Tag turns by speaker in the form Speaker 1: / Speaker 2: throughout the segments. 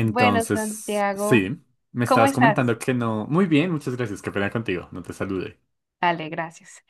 Speaker 1: Bueno, Santiago,
Speaker 2: sí, me
Speaker 1: ¿cómo
Speaker 2: estabas
Speaker 1: estás?
Speaker 2: comentando que no. Muy bien, muchas gracias, qué pena contigo, no te saludé.
Speaker 1: Dale, gracias.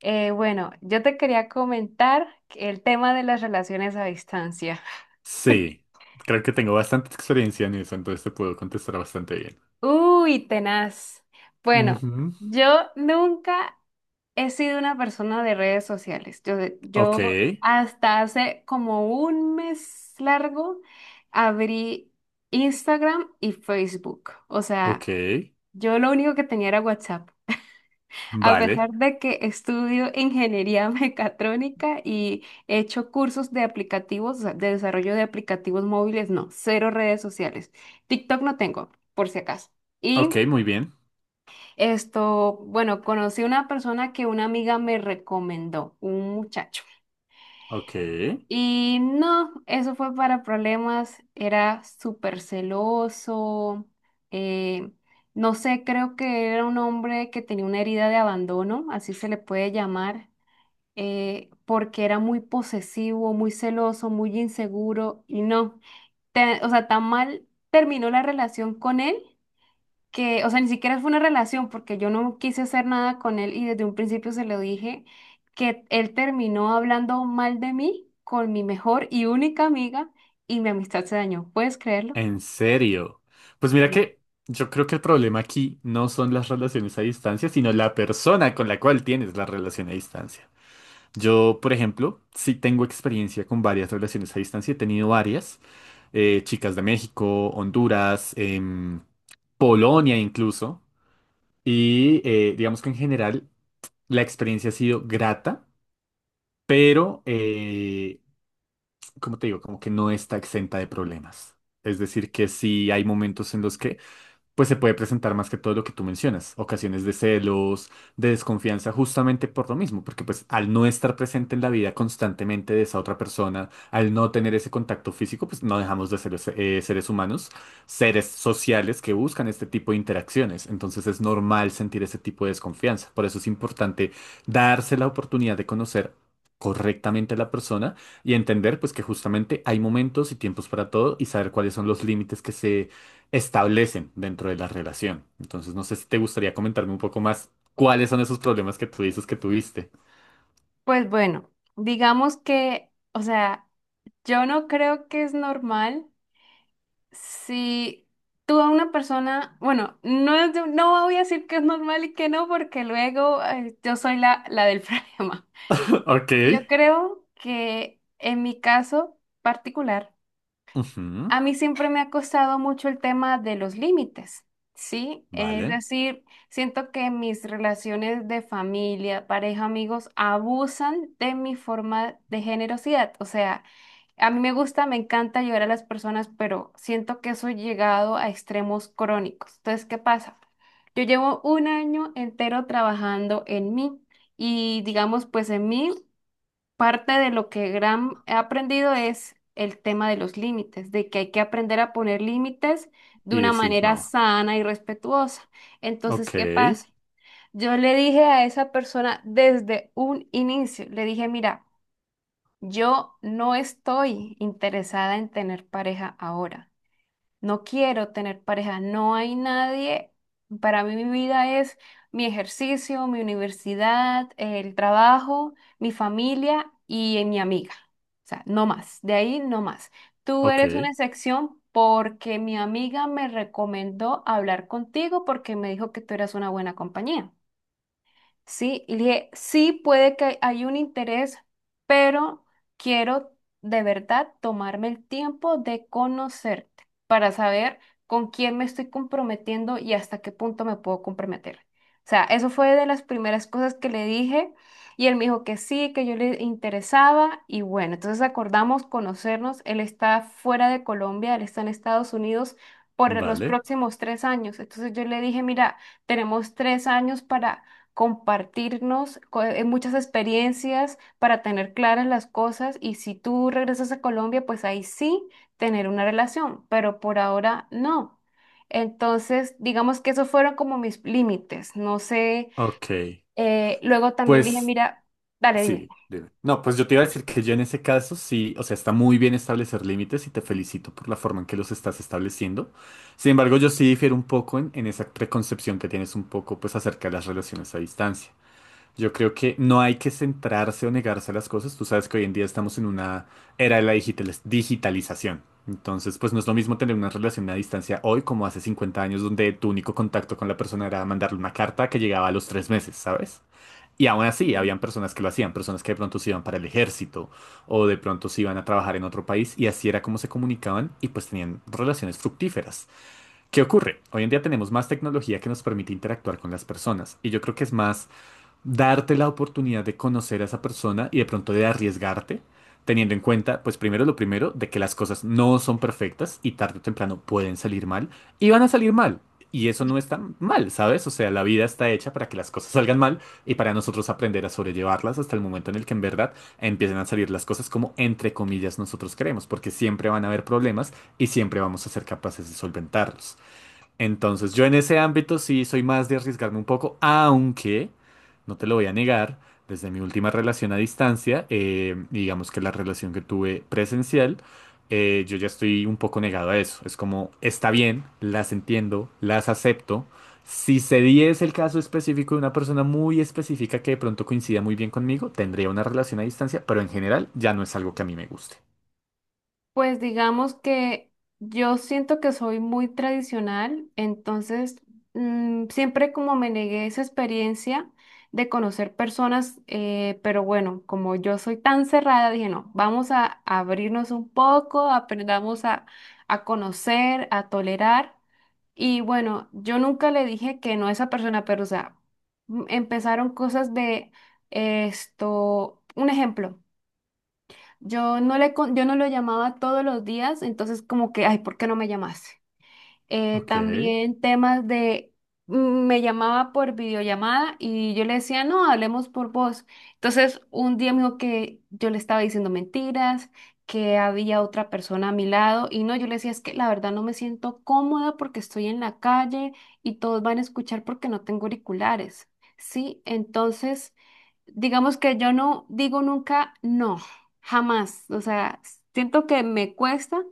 Speaker 1: Bueno, yo te quería comentar el tema de las relaciones a distancia.
Speaker 2: Sí, creo que tengo bastante experiencia en eso, entonces te puedo contestar bastante bien.
Speaker 1: Uy, tenaz. Bueno,
Speaker 2: Ujú.
Speaker 1: yo nunca he sido una persona de redes sociales. Yo,
Speaker 2: Ok.
Speaker 1: yo hasta hace como un mes largo abrí Instagram y Facebook. O sea,
Speaker 2: Ok.
Speaker 1: yo lo único que tenía era WhatsApp. A
Speaker 2: Vale.
Speaker 1: pesar de que estudio ingeniería mecatrónica y he hecho cursos de aplicativos, o sea, de desarrollo de aplicativos móviles, no, cero redes sociales. TikTok no tengo, por si acaso. Y
Speaker 2: Ok, muy bien.
Speaker 1: esto, bueno, conocí una persona que una amiga me recomendó, un muchacho.
Speaker 2: Ok.
Speaker 1: Y no, eso fue para problemas, era súper celoso, eh, no sé, creo que era un hombre que tenía una herida de abandono, así se le puede llamar porque era muy posesivo, muy celoso, muy inseguro y no, o sea, tan mal terminó la relación con él que, o sea, ni siquiera fue una relación porque yo no quise hacer nada con él y desde un principio se lo dije que él terminó hablando mal de mí con mi mejor y única amiga y mi amistad se dañó. ¿Puedes creerlo?
Speaker 2: En serio. Pues mira
Speaker 1: Sí.
Speaker 2: que yo creo que el problema aquí no son las relaciones a distancia, sino la persona con la cual tienes la relación a distancia. Yo, por ejemplo, sí tengo experiencia con varias relaciones a distancia. He tenido varias. Chicas de México, Honduras, Polonia incluso. Y digamos que en general la experiencia ha sido grata, pero, como te digo, como que no está exenta de problemas. Es decir, que sí hay momentos en los que pues se puede presentar más que todo lo que tú mencionas, ocasiones de celos, de desconfianza, justamente por lo mismo, porque pues al no estar presente en la vida constantemente de esa otra persona, al no tener ese contacto físico, pues no dejamos de ser seres humanos, seres sociales que buscan este tipo de interacciones, entonces es normal sentir ese tipo de desconfianza, por eso es importante darse la oportunidad de conocer correctamente a la persona y entender pues que justamente hay momentos y tiempos para todo y saber cuáles son los límites que se establecen dentro de la relación. Entonces, no sé si te gustaría comentarme un poco más cuáles son esos problemas que tú dices que tuviste.
Speaker 1: Pues bueno, digamos que, o sea, yo no creo que es normal. Si tú a una persona, bueno, no, es no voy a decir que es normal y que no, porque luego yo soy la del problema.
Speaker 2: Ok.
Speaker 1: Yo creo que en mi caso particular,
Speaker 2: Ujú.
Speaker 1: a mí siempre me ha costado mucho el tema de los límites, ¿sí? Es
Speaker 2: Vale.
Speaker 1: decir, siento que mis relaciones de familia, pareja, amigos, abusan de mi forma de generosidad. O sea, a mí me gusta, me encanta ayudar a las personas, pero siento que eso ha llegado a extremos crónicos. Entonces, ¿qué pasa? Yo llevo un año entero trabajando en mí y digamos, pues en mí parte de lo que gran he aprendido es el tema de los límites, de que hay que aprender a poner límites de
Speaker 2: Y
Speaker 1: una
Speaker 2: decir
Speaker 1: manera
Speaker 2: no.
Speaker 1: sana y respetuosa. Entonces,
Speaker 2: Ok.
Speaker 1: ¿qué pasa? Yo le dije a esa persona desde un inicio, le dije, mira, yo no estoy interesada en tener pareja ahora. No quiero tener pareja. No hay nadie. Para mí mi vida es mi ejercicio, mi universidad, el trabajo, mi familia y mi amiga. O sea, no más. De ahí no más. Tú eres una
Speaker 2: Ok.
Speaker 1: excepción porque mi amiga me recomendó hablar contigo porque me dijo que tú eras una buena compañía. Sí, y le dije, sí puede que hay un interés, pero quiero de verdad tomarme el tiempo de conocerte para saber con quién me estoy comprometiendo y hasta qué punto me puedo comprometer. O sea, eso fue de las primeras cosas que le dije y él me dijo que sí, que yo le interesaba y bueno, entonces acordamos conocernos. Él está fuera de Colombia, él está en Estados Unidos por los
Speaker 2: Vale.
Speaker 1: próximos tres años. Entonces yo le dije, mira, tenemos tres años para muchas experiencias para tener claras las cosas y si tú regresas a Colombia, pues ahí sí tener una relación, pero por ahora no. Entonces, digamos que esos fueron como mis límites. No sé,
Speaker 2: Ok.
Speaker 1: luego también le dije,
Speaker 2: Pues
Speaker 1: mira, dale, dime.
Speaker 2: sí, dime. No, pues yo te iba a decir que yo en ese caso sí, o sea, está muy bien establecer límites y te felicito por la forma en que los estás estableciendo. Sin embargo, yo sí difiero un poco en esa preconcepción que tienes un poco, pues, acerca de las relaciones a distancia. Yo creo que no hay que centrarse o negarse a las cosas. Tú sabes que hoy en día estamos en una era de la digitalización. Entonces, pues no es lo mismo tener una relación a distancia hoy como hace 50 años, donde tu único contacto con la persona era mandarle una carta que llegaba a los 3 meses, ¿sabes? Y aún así, habían personas que lo hacían, personas que de pronto se iban para el ejército o de pronto se iban a trabajar en otro país y así era como se comunicaban y pues tenían relaciones fructíferas. ¿Qué ocurre? Hoy en día tenemos más tecnología que nos permite interactuar con las personas y yo creo que es más darte la oportunidad de conocer a esa persona y de pronto de arriesgarte, teniendo en cuenta, pues primero lo primero, de que las cosas no son perfectas y tarde o temprano pueden salir mal y van a salir mal. Y eso no está mal, ¿sabes? O sea, la vida está hecha para que las cosas salgan mal y para nosotros aprender a sobrellevarlas hasta el momento en el que en verdad empiecen a salir las cosas como entre comillas nosotros queremos, porque siempre van a haber problemas y siempre vamos a ser capaces de solventarlos. Entonces, yo en ese ámbito sí soy más de arriesgarme un poco, aunque, no te lo voy a negar, desde mi última relación a distancia, digamos que la relación que tuve presencial, yo ya estoy un poco negado a eso. Es como, está bien, las entiendo, las acepto. Si se diese el caso específico de una persona muy específica que de pronto coincida muy bien conmigo, tendría una relación a distancia, pero en general ya no es algo que a mí me guste.
Speaker 1: Pues digamos que yo siento que soy muy tradicional, entonces siempre como me negué esa experiencia de conocer personas, pero bueno, como yo soy tan cerrada, dije, no, vamos a abrirnos un poco, aprendamos a conocer, a tolerar. Y bueno, yo nunca le dije que no a esa persona, pero o sea, empezaron cosas de esto, un ejemplo. Yo no le, yo no lo llamaba todos los días, entonces como que, ay, ¿por qué no me llamaste?
Speaker 2: Ok.
Speaker 1: También temas de, mm, me llamaba por videollamada y yo le decía, no, hablemos por voz. Entonces un día me dijo que yo le estaba diciendo mentiras, que había otra persona a mi lado y no, yo le decía, es que la verdad no me siento cómoda porque estoy en la calle y todos van a escuchar porque no tengo auriculares. Sí, entonces digamos que yo no digo nunca no, jamás. O sea, siento que me cuesta,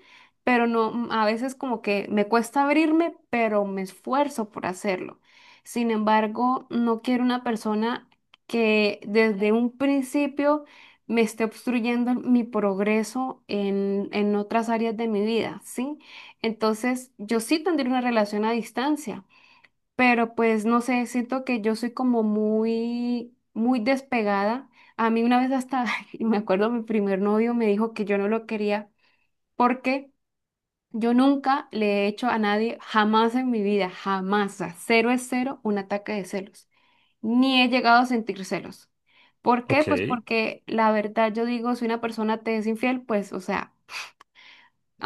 Speaker 1: pero no, a veces como que me cuesta abrirme, pero me esfuerzo por hacerlo. Sin embargo, no quiero una persona que desde un principio me esté obstruyendo mi progreso en otras áreas de mi vida, ¿sí? Entonces, yo sí tendría una relación a distancia, pero pues no sé, siento que yo soy como muy, muy despegada. A mí una vez hasta, me acuerdo, mi primer novio me dijo que yo no lo quería porque yo nunca le he hecho a nadie, jamás en mi vida, jamás, a cero es cero, un ataque de celos. Ni he llegado a sentir celos. ¿Por qué?
Speaker 2: Ok.
Speaker 1: Pues porque la verdad yo digo, si una persona te es infiel, pues, o sea...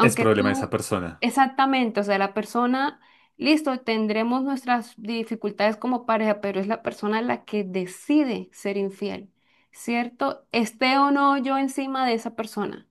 Speaker 2: Es problema de esa
Speaker 1: tú,
Speaker 2: persona.
Speaker 1: exactamente, o sea, la persona, listo, tendremos nuestras dificultades como pareja, pero es la persona la que decide ser infiel, ¿cierto? Esté o no yo encima de esa persona.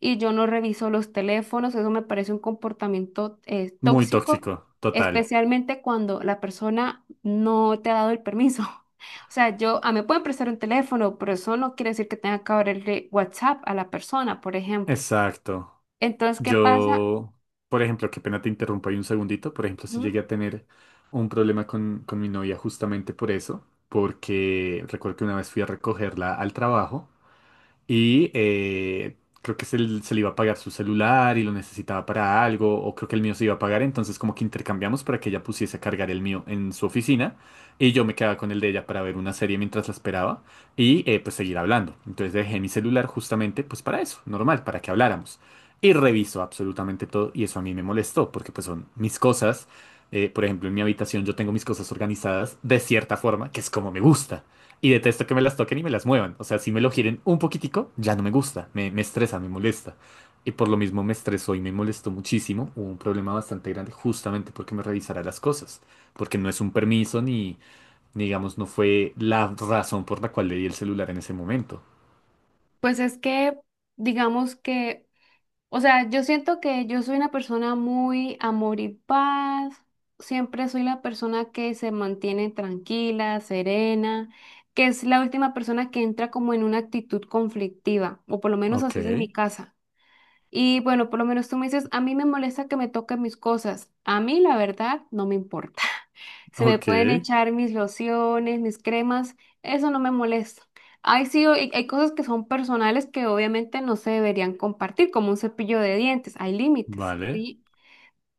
Speaker 1: Y yo no reviso los teléfonos, eso me parece un comportamiento
Speaker 2: Muy
Speaker 1: tóxico,
Speaker 2: tóxico, total.
Speaker 1: especialmente cuando la persona no te ha dado el permiso. O sea, yo, a me pueden prestar un teléfono, pero eso no quiere decir que tenga que abrirle WhatsApp a la persona, por ejemplo.
Speaker 2: Exacto.
Speaker 1: Entonces, ¿qué pasa?
Speaker 2: Yo, por ejemplo, qué pena te interrumpo ahí un segundito. Por ejemplo, si
Speaker 1: Ujú.
Speaker 2: llegué a tener un problema con mi novia justamente por eso, porque recuerdo que una vez fui a recogerla al trabajo y creo que se le iba a pagar su celular y lo necesitaba para algo, o creo que el mío se iba a pagar, entonces como que intercambiamos para que ella pusiese a cargar el mío en su oficina y yo me quedaba con el de ella para ver una serie mientras la esperaba y pues seguir hablando. Entonces dejé mi celular justamente pues para eso, normal, para que habláramos. Y reviso absolutamente todo y eso a mí me molestó porque pues son mis cosas. Por ejemplo, en mi habitación yo tengo mis cosas organizadas de cierta forma, que es como me gusta. Y detesto que me las toquen y me las muevan. O sea, si me lo giren un poquitico, ya no me gusta, me estresa, me molesta. Y por lo mismo me estresó y me molestó muchísimo. Hubo un problema bastante grande justamente porque me revisara las cosas. Porque no es un permiso ni, digamos, no fue la razón por la cual le di el celular en ese momento.
Speaker 1: Pues es que, digamos que, o sea, yo siento que yo soy una persona muy amor y paz, siempre soy la persona que se mantiene tranquila, serena, que es la última persona que entra como en una actitud conflictiva, o por lo menos
Speaker 2: Ok.
Speaker 1: así es en mi casa. Y bueno, por lo menos tú me dices, a mí me molesta que me toquen mis cosas, a mí la verdad no me importa. Se me
Speaker 2: Ok.
Speaker 1: pueden echar mis lociones, mis cremas, eso no me molesta. Hay sí, hay cosas que son personales que obviamente no se deberían compartir, como un cepillo de dientes, hay límites,
Speaker 2: Vale.
Speaker 1: ¿sí?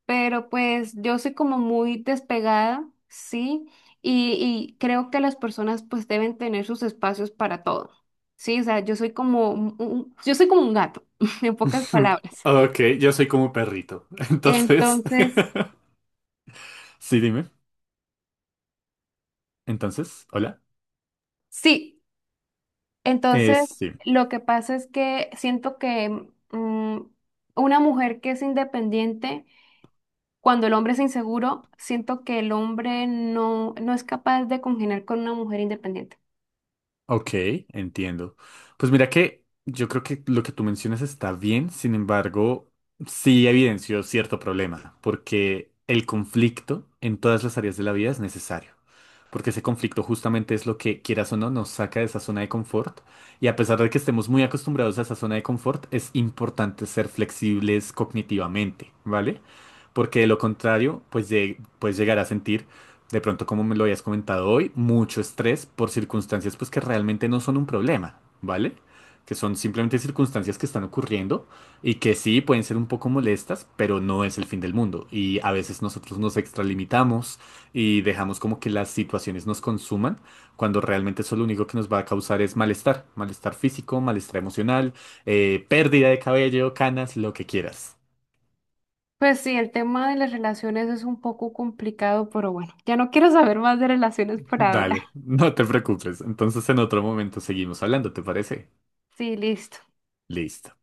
Speaker 1: Pero pues yo soy como muy despegada, ¿sí? Y, y creo que las personas pues deben tener sus espacios para todo, ¿sí? O sea, yo soy como un, yo soy como un gato, en pocas palabras.
Speaker 2: Ok, yo soy como un perrito. Entonces,
Speaker 1: Entonces,
Speaker 2: sí, dime. Entonces, hola.
Speaker 1: sí. Entonces,
Speaker 2: Sí.
Speaker 1: lo que pasa es que siento que mm, una mujer que es independiente, cuando el hombre es inseguro, siento que el hombre no, no es capaz de congeniar con una mujer independiente.
Speaker 2: Ok, entiendo. Pues mira que yo creo que lo que tú mencionas está bien, sin embargo, sí evidenció cierto problema, porque el conflicto en todas las áreas de la vida es necesario, porque ese conflicto justamente es lo que, quieras o no, nos saca de esa zona de confort, y a pesar de que estemos muy acostumbrados a esa zona de confort, es importante ser flexibles cognitivamente, ¿vale? Porque de lo contrario, pues puedes llegar a sentir, de pronto como me lo habías comentado hoy, mucho estrés por circunstancias pues que realmente no son un problema, ¿vale? Que son simplemente circunstancias que están ocurriendo y que sí pueden ser un poco molestas, pero no es el fin del mundo. Y a veces nosotros nos extralimitamos y dejamos como que las situaciones nos consuman, cuando realmente eso lo único que nos va a causar es malestar, malestar físico, malestar emocional, pérdida de cabello, canas, lo que quieras.
Speaker 1: Pues sí, el tema de las relaciones es un poco complicado, pero bueno, ya no quiero saber más de relaciones por ahora.
Speaker 2: Dale, no te preocupes. Entonces en otro momento seguimos hablando, ¿te parece?
Speaker 1: Sí, listo.
Speaker 2: Listo.